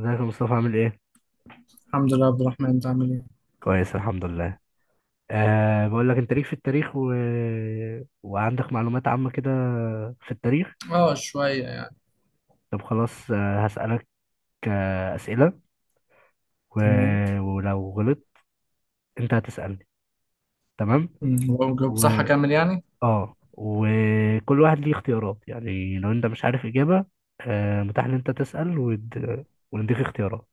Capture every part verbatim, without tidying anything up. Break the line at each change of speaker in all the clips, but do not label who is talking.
ازيك يا مصطفى، عامل ايه؟
الحمد لله. عبد الرحمن، انت عامل ايه؟
كويس، الحمد لله. أه بقول لك، انت ليك في التاريخ و... وعندك معلومات عامة كده في التاريخ.
اه، شوية يعني.
طب خلاص، آه، هسألك آه، أسئلة، و...
تمام.
ولو غلط، انت هتسألني، تمام؟
امم، لو جاوبت
و...
صح اكمل يعني.
اه، وكل واحد ليه اختيارات، يعني لو انت مش عارف إجابة، أه متاح ان انت تسأل ود... ونديك اختيارات،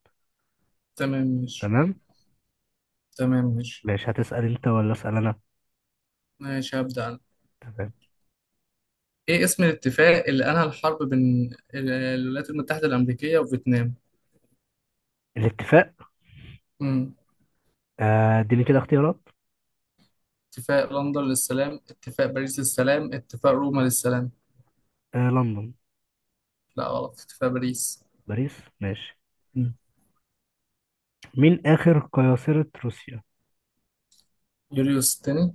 تمام ماشي.
تمام؟
تمام ماشي.
ماشي، هتسأل انت ولا أسأل انا؟
ماشي، هبدأ أنا.
تمام.
إيه اسم الاتفاق اللي أنهى الحرب بين ال- الولايات المتحدة الأمريكية وفيتنام؟
الاتفاق.
امم
اديني آه، اديني كده اختيارات.
اتفاق لندن للسلام، اتفاق باريس للسلام، اتفاق روما للسلام.
أه لندن.
لا غلط، اتفاق باريس.
باريس، ماشي.
امم.
مين آخر قياصرة روسيا؟
يوليوس الثاني.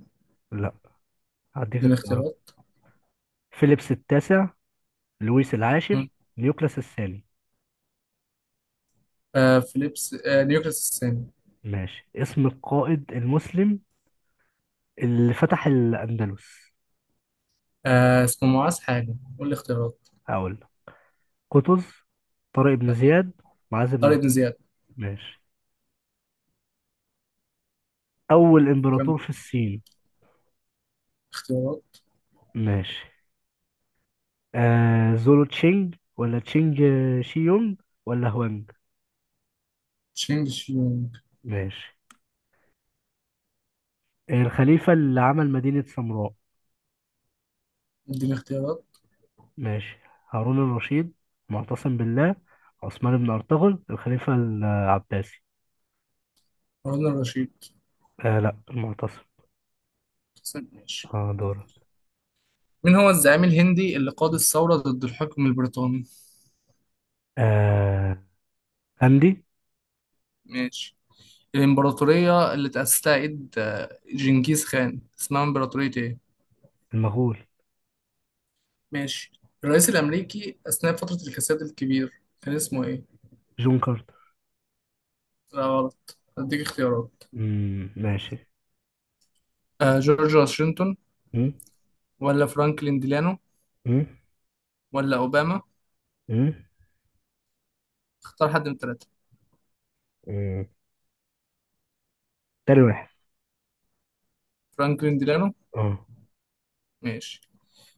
لا، هديك
دون
اختيارات.
اختيارات.
فيليبس التاسع، لويس العاشر،
امم.
نيوكلاس الثاني.
آه فيليبس، آه نيوكليوس الثاني.
ماشي، اسم القائد المسلم اللي فتح الأندلس.
آه اسمه معاذ حاجة، قول لي اختيارات.
هقول لك. قطز، طارق بن
لا،
زياد، معاذ بن
طارق
زياد.
بن زياد.
ماشي، أول
كم.
إمبراطور في الصين.
اختيارات.
ماشي، آه زولو تشينج ولا تشينج، آه، شي يونج ولا هوانج.
تشينج شيونج.
ماشي، الخليفة اللي عمل مدينة سامراء.
اديني اختيارات.
ماشي، هارون الرشيد، معتصم بالله، عثمان بن أرطغرل الخليفة العباسي.
هارون الرشيد.
آه، لا، المعتصم.
حسن، ماشي.
اه، دورك.
مين هو الزعيم الهندي اللي قاد الثورة ضد الحكم البريطاني؟
آه، أندي.
ماشي. الإمبراطورية اللي تأسسها إيد آه، جنكيز خان، اسمها إمبراطورية إيه؟
المغول.
ماشي. الرئيس الأمريكي أثناء فترة الكساد الكبير كان اسمه إيه؟
جون كارتر.
لا غلط، أديك اختيارات.
مم، ماشي.
آه جورج واشنطن،
مم،
ولا فرانكلين ديلانو،
مم،
ولا أوباما؟
مم،
اختار حد من التلاتة.
مم. تاني واحد.
فرانكلين ديلانو.
اه.
ماشي.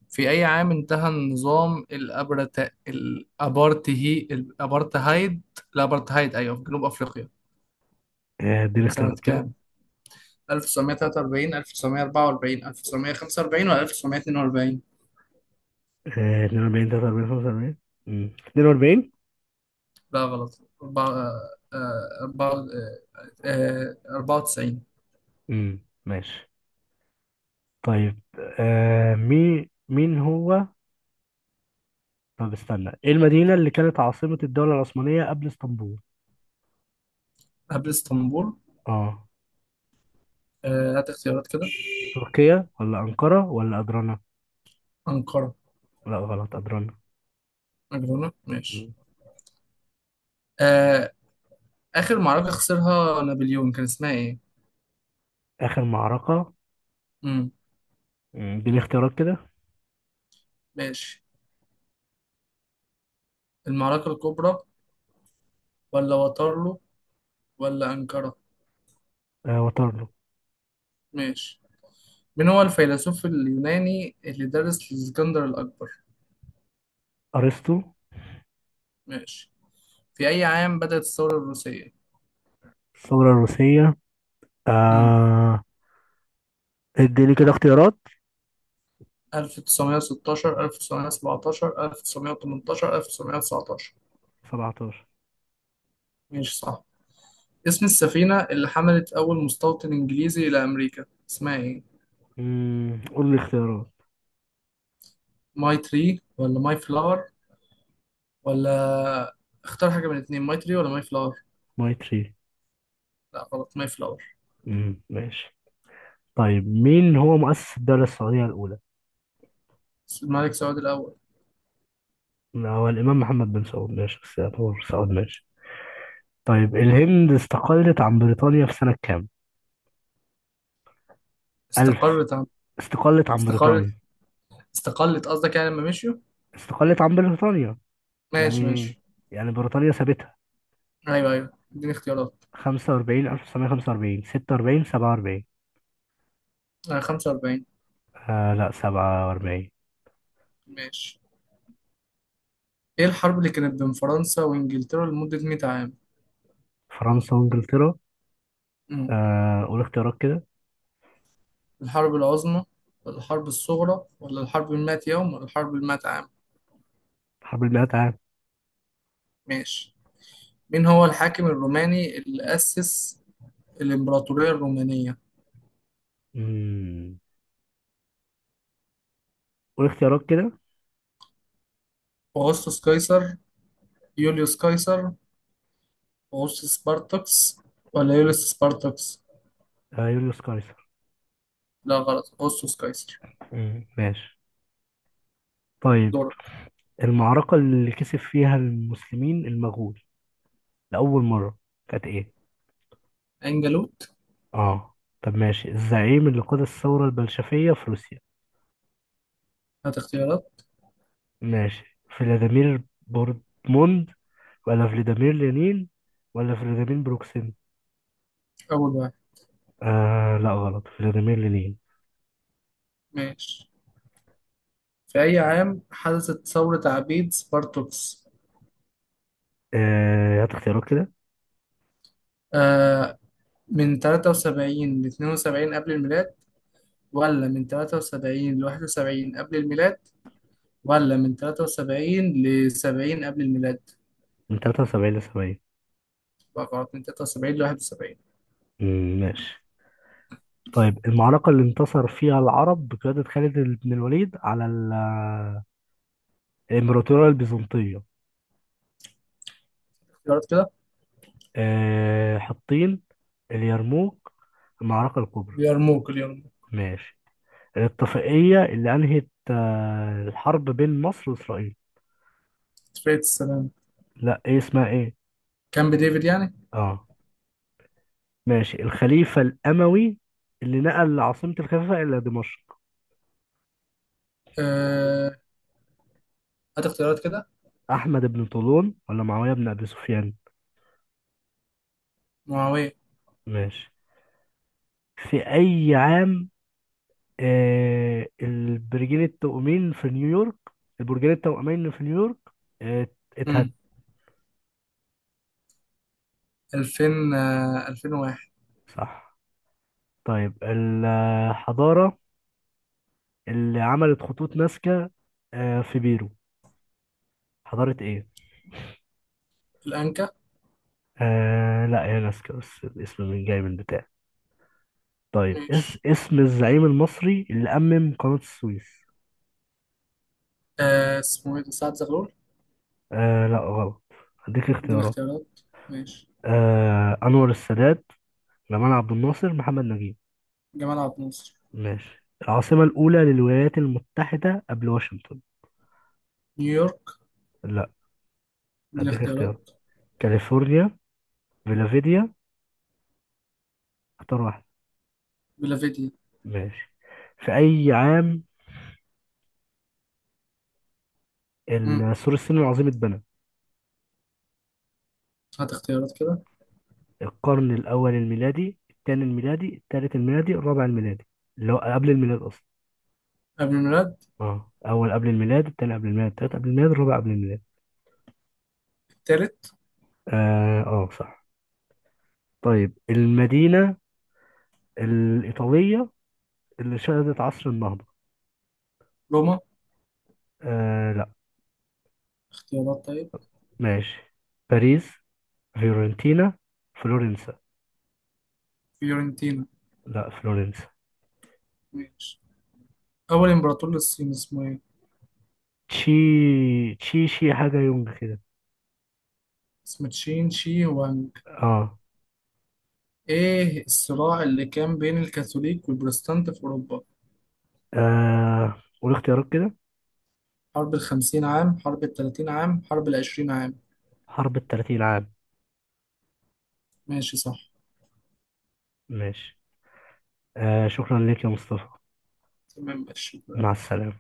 في أي عام انتهى النظام الأبرت... الأبارتهي الأبارتهايد. الأبارتهايد، أيوه، في جنوب أفريقيا.
آه، اديني
سنة
اختيارات كده.
كام؟ ألف وتسعمية وتلاتة وأربعين، ألف وتسعمية وأربعة وأربعين، ألف وتسعمية وخمسة وأربعين، ولا ألف وتسعمية واتنين وأربعين؟
آه، اتنين وأربعين تلاتة وأربعين خمسة وأربعين. مم، اتنين وأربعين.
لا غلط، أربعة- آه، آه، أربعة- آه، آه، أربعة وتسعين.
مم، ماشي، طيب. آه مين مين هو طب استنى، ايه المدينة اللي كانت عاصمة الدولة العثمانية قبل اسطنبول؟
قبل اسطنبول.
اه.
آه، هات اختيارات كده.
تركيا ولا أنقرة ولا أدرنا.
أنقرة.
لا، غلط، أدرنا.
أجرونة، ماشي.
مم.
آه. آخر معركة خسرها نابليون كان اسمها إيه؟
آخر معركة.
مم.
مم، دي الاختيارات كده.
ماشي. المعركة الكبرى، ولا واترلو، ولا أنقرة؟
آه وترنو.
ماشي. من هو الفيلسوف اليوناني اللي درس لإسكندر الأكبر؟
أرسطو.
ماشي. في أي عام بدأت الثورة الروسية؟
الثورة الروسية،
امم
آه اديني كده اختيارات.
ألف تسعمية ستاشر، ألف تسعمية سبعتاشر، ألف وتسعمية وتمانية عشر، ألف تسعمية تسعتاشر؟
سبعتاشر.
ماشي، صح. اسم السفينة اللي حملت أول مستوطن إنجليزي إلى أمريكا اسمها إيه؟
مم، قول لي اختيارات.
ماي تري ولا ماي فلاور، ولا. اختار حاجة من الاتنين، ماي تري ولا ماي فلاور.
ماي تري.
لا غلط، ماي فلاور.
مم، ماشي. طيب مين هو مؤسس الدولة السعودية الأولى؟
الملك سعود الأول.
لا، هو الإمام محمد بن سعود، ماشي بس يعتبر سعود، ماشي. طيب الهند استقلت عن بريطانيا في سنة كام؟ ألف.
استقرت عن.
استقلت عن
استقرت.
بريطانيا
استقلت قصدك، يعني لما مشيوا.
استقلت عن بريطانيا
ماشي،
يعني
ماشي.
يعني بريطانيا سابتها.
ايوه، ايوه، اديني اختيارات.
خمسة وأربعين، ألف وتسعمية وخمسة وأربعين، ستة وأربعين، سبعة وأربعين.
آه خمسة وأربعين.
آه لا، سبعة وأربعين.
ماشي. ايه الحرب اللي كانت بين فرنسا وانجلترا لمدة مية عام؟
فرنسا وانجلترا.
مم.
آه قول اختيارات كده.
الحرب العظمى، ولا الحرب الصغرى، ولا الحرب المائة يوم، ولا الحرب المائة عام؟
حرب المئات عام.
ماشي. مين هو الحاكم الروماني اللي أسس الإمبراطورية الرومانية؟
مم. قول اختيارات كده.
أغسطس قيصر، يوليوس قيصر، أغسطس سبارتكس، ولا يوليوس سبارتكس؟
آه يوليوس قيصر.
لا غلط، أغسطس قيصر.
مم، ماشي. طيب
دورك.
المعركة اللي كسب فيها المسلمين المغول لأول مرة كانت ايه؟
أنجلوت.
اه، طب ماشي. الزعيم اللي قاد الثورة البلشفية في روسيا.
هات اختيارات.
ماشي، فلاديمير بورتموند ولا فلاديمير لينين ولا فلاديمير بروكسين.
أول واحد.
آه لا، غلط، فلاديمير لينين.
ماشي. في أي عام حدثت ثورة عبيد سبارتوكس؟
آه هات اختيارات كده.
آه من ثلاثة وسبعين ل اثنين وسبعين قبل الميلاد، ولا من تلاتة وسبعين ل واحد وسبعين قبل الميلاد، ولا من تلاتة وسبعين ل سبعين قبل الميلاد؟
من تلاتة وسبعين ل سبعين.
بقى غلط، من تلاتة وسبعين ل واحد وسبعين.
مم، ماشي. طيب المعركة اللي انتصر فيها العرب بقيادة خالد بن الوليد على ال- الإمبراطورية البيزنطية.
اختيارات كده.
آه حطين، اليرموك، المعركة الكبرى.
اليرموك، اليرموك.
ماشي. الاتفاقية اللي أنهت آه الحرب بين مصر وإسرائيل.
اتفاقية السلام.
لا، ايه اسمها، ايه؟
كامب ديفيد يعني.
اه، ماشي. الخليفة الأموي اللي نقل عاصمة الخلافة إلى دمشق.
آه هات اختيارات كده.
أحمد بن طولون ولا معاوية بن أبي سفيان.
معاوية.
ماشي، في أي عام آه البرجين التوأمين في نيويورك. البرجين التوأمين في نيويورك آه اتهد.
مم. ألفين، آه ألفين وواحد.
صح. طيب الحضارة اللي عملت خطوط نازكا آه في بيرو، حضارة إيه؟
الأنكا.
آه لا، هي نازكا، بس الاسم من جاي من بتاع. طيب، اس
ماشي.
اسم الزعيم المصري اللي أمم قناة السويس.
آه اسمه ايه ده، سعد زغلول.
آه لا، غلط. هديك
اديني
اختيارات.
اختيارات. ماشي.
آه أنور السادات، جمال عبد الناصر، محمد نجيب.
جمال عبد الناصر.
ماشي. العاصمة الأولى للولايات المتحدة قبل واشنطن.
نيويورك.
لا،
اديني
هديك اختيارات.
اختيارات.
كاليفورنيا، فيلافيديا. اختار واحد.
فيلافيديا.
ماشي، في أي عام
امم
ال- سور الصين العظيم اتبنى؟
هات اختيارات كده.
القرن الأول الميلادي، الثاني الميلادي، الثالث الميلادي، الرابع الميلادي، اللي هو قبل الميلاد أصلا.
قبل الميلاد.
اه، اول قبل الميلاد، التاني قبل الميلاد، التالت قبل الميلاد، الرابع قبل الميلاد.
التالت.
اه، اه، صح. طيب، المدينة الإيطالية اللي شهدت عصر النهضة.
روما.
آه لا.
اختيارات طيب.
ماشي، باريس، فيورنتينا، فلورنسا.
فيورنتينا.
لا، فلورنسا.
ماشي. أول إمبراطور للصين اسمه إيه؟
تشي تشي شي حاجة يونج كده.
اسمه تشين شي وانج.
اه
إيه الصراع اللي كان بين الكاثوليك والبروتستانت في أوروبا؟
آه، قول اختيارات كده.
حرب الخمسين عام، حرب التلاتين عام، حرب العشرين عام.
حرب التلاتين عام.
ماشي، صح.
ماشي. آه شكرا لك يا مصطفى.
تمام ماشي.
مع السلامة.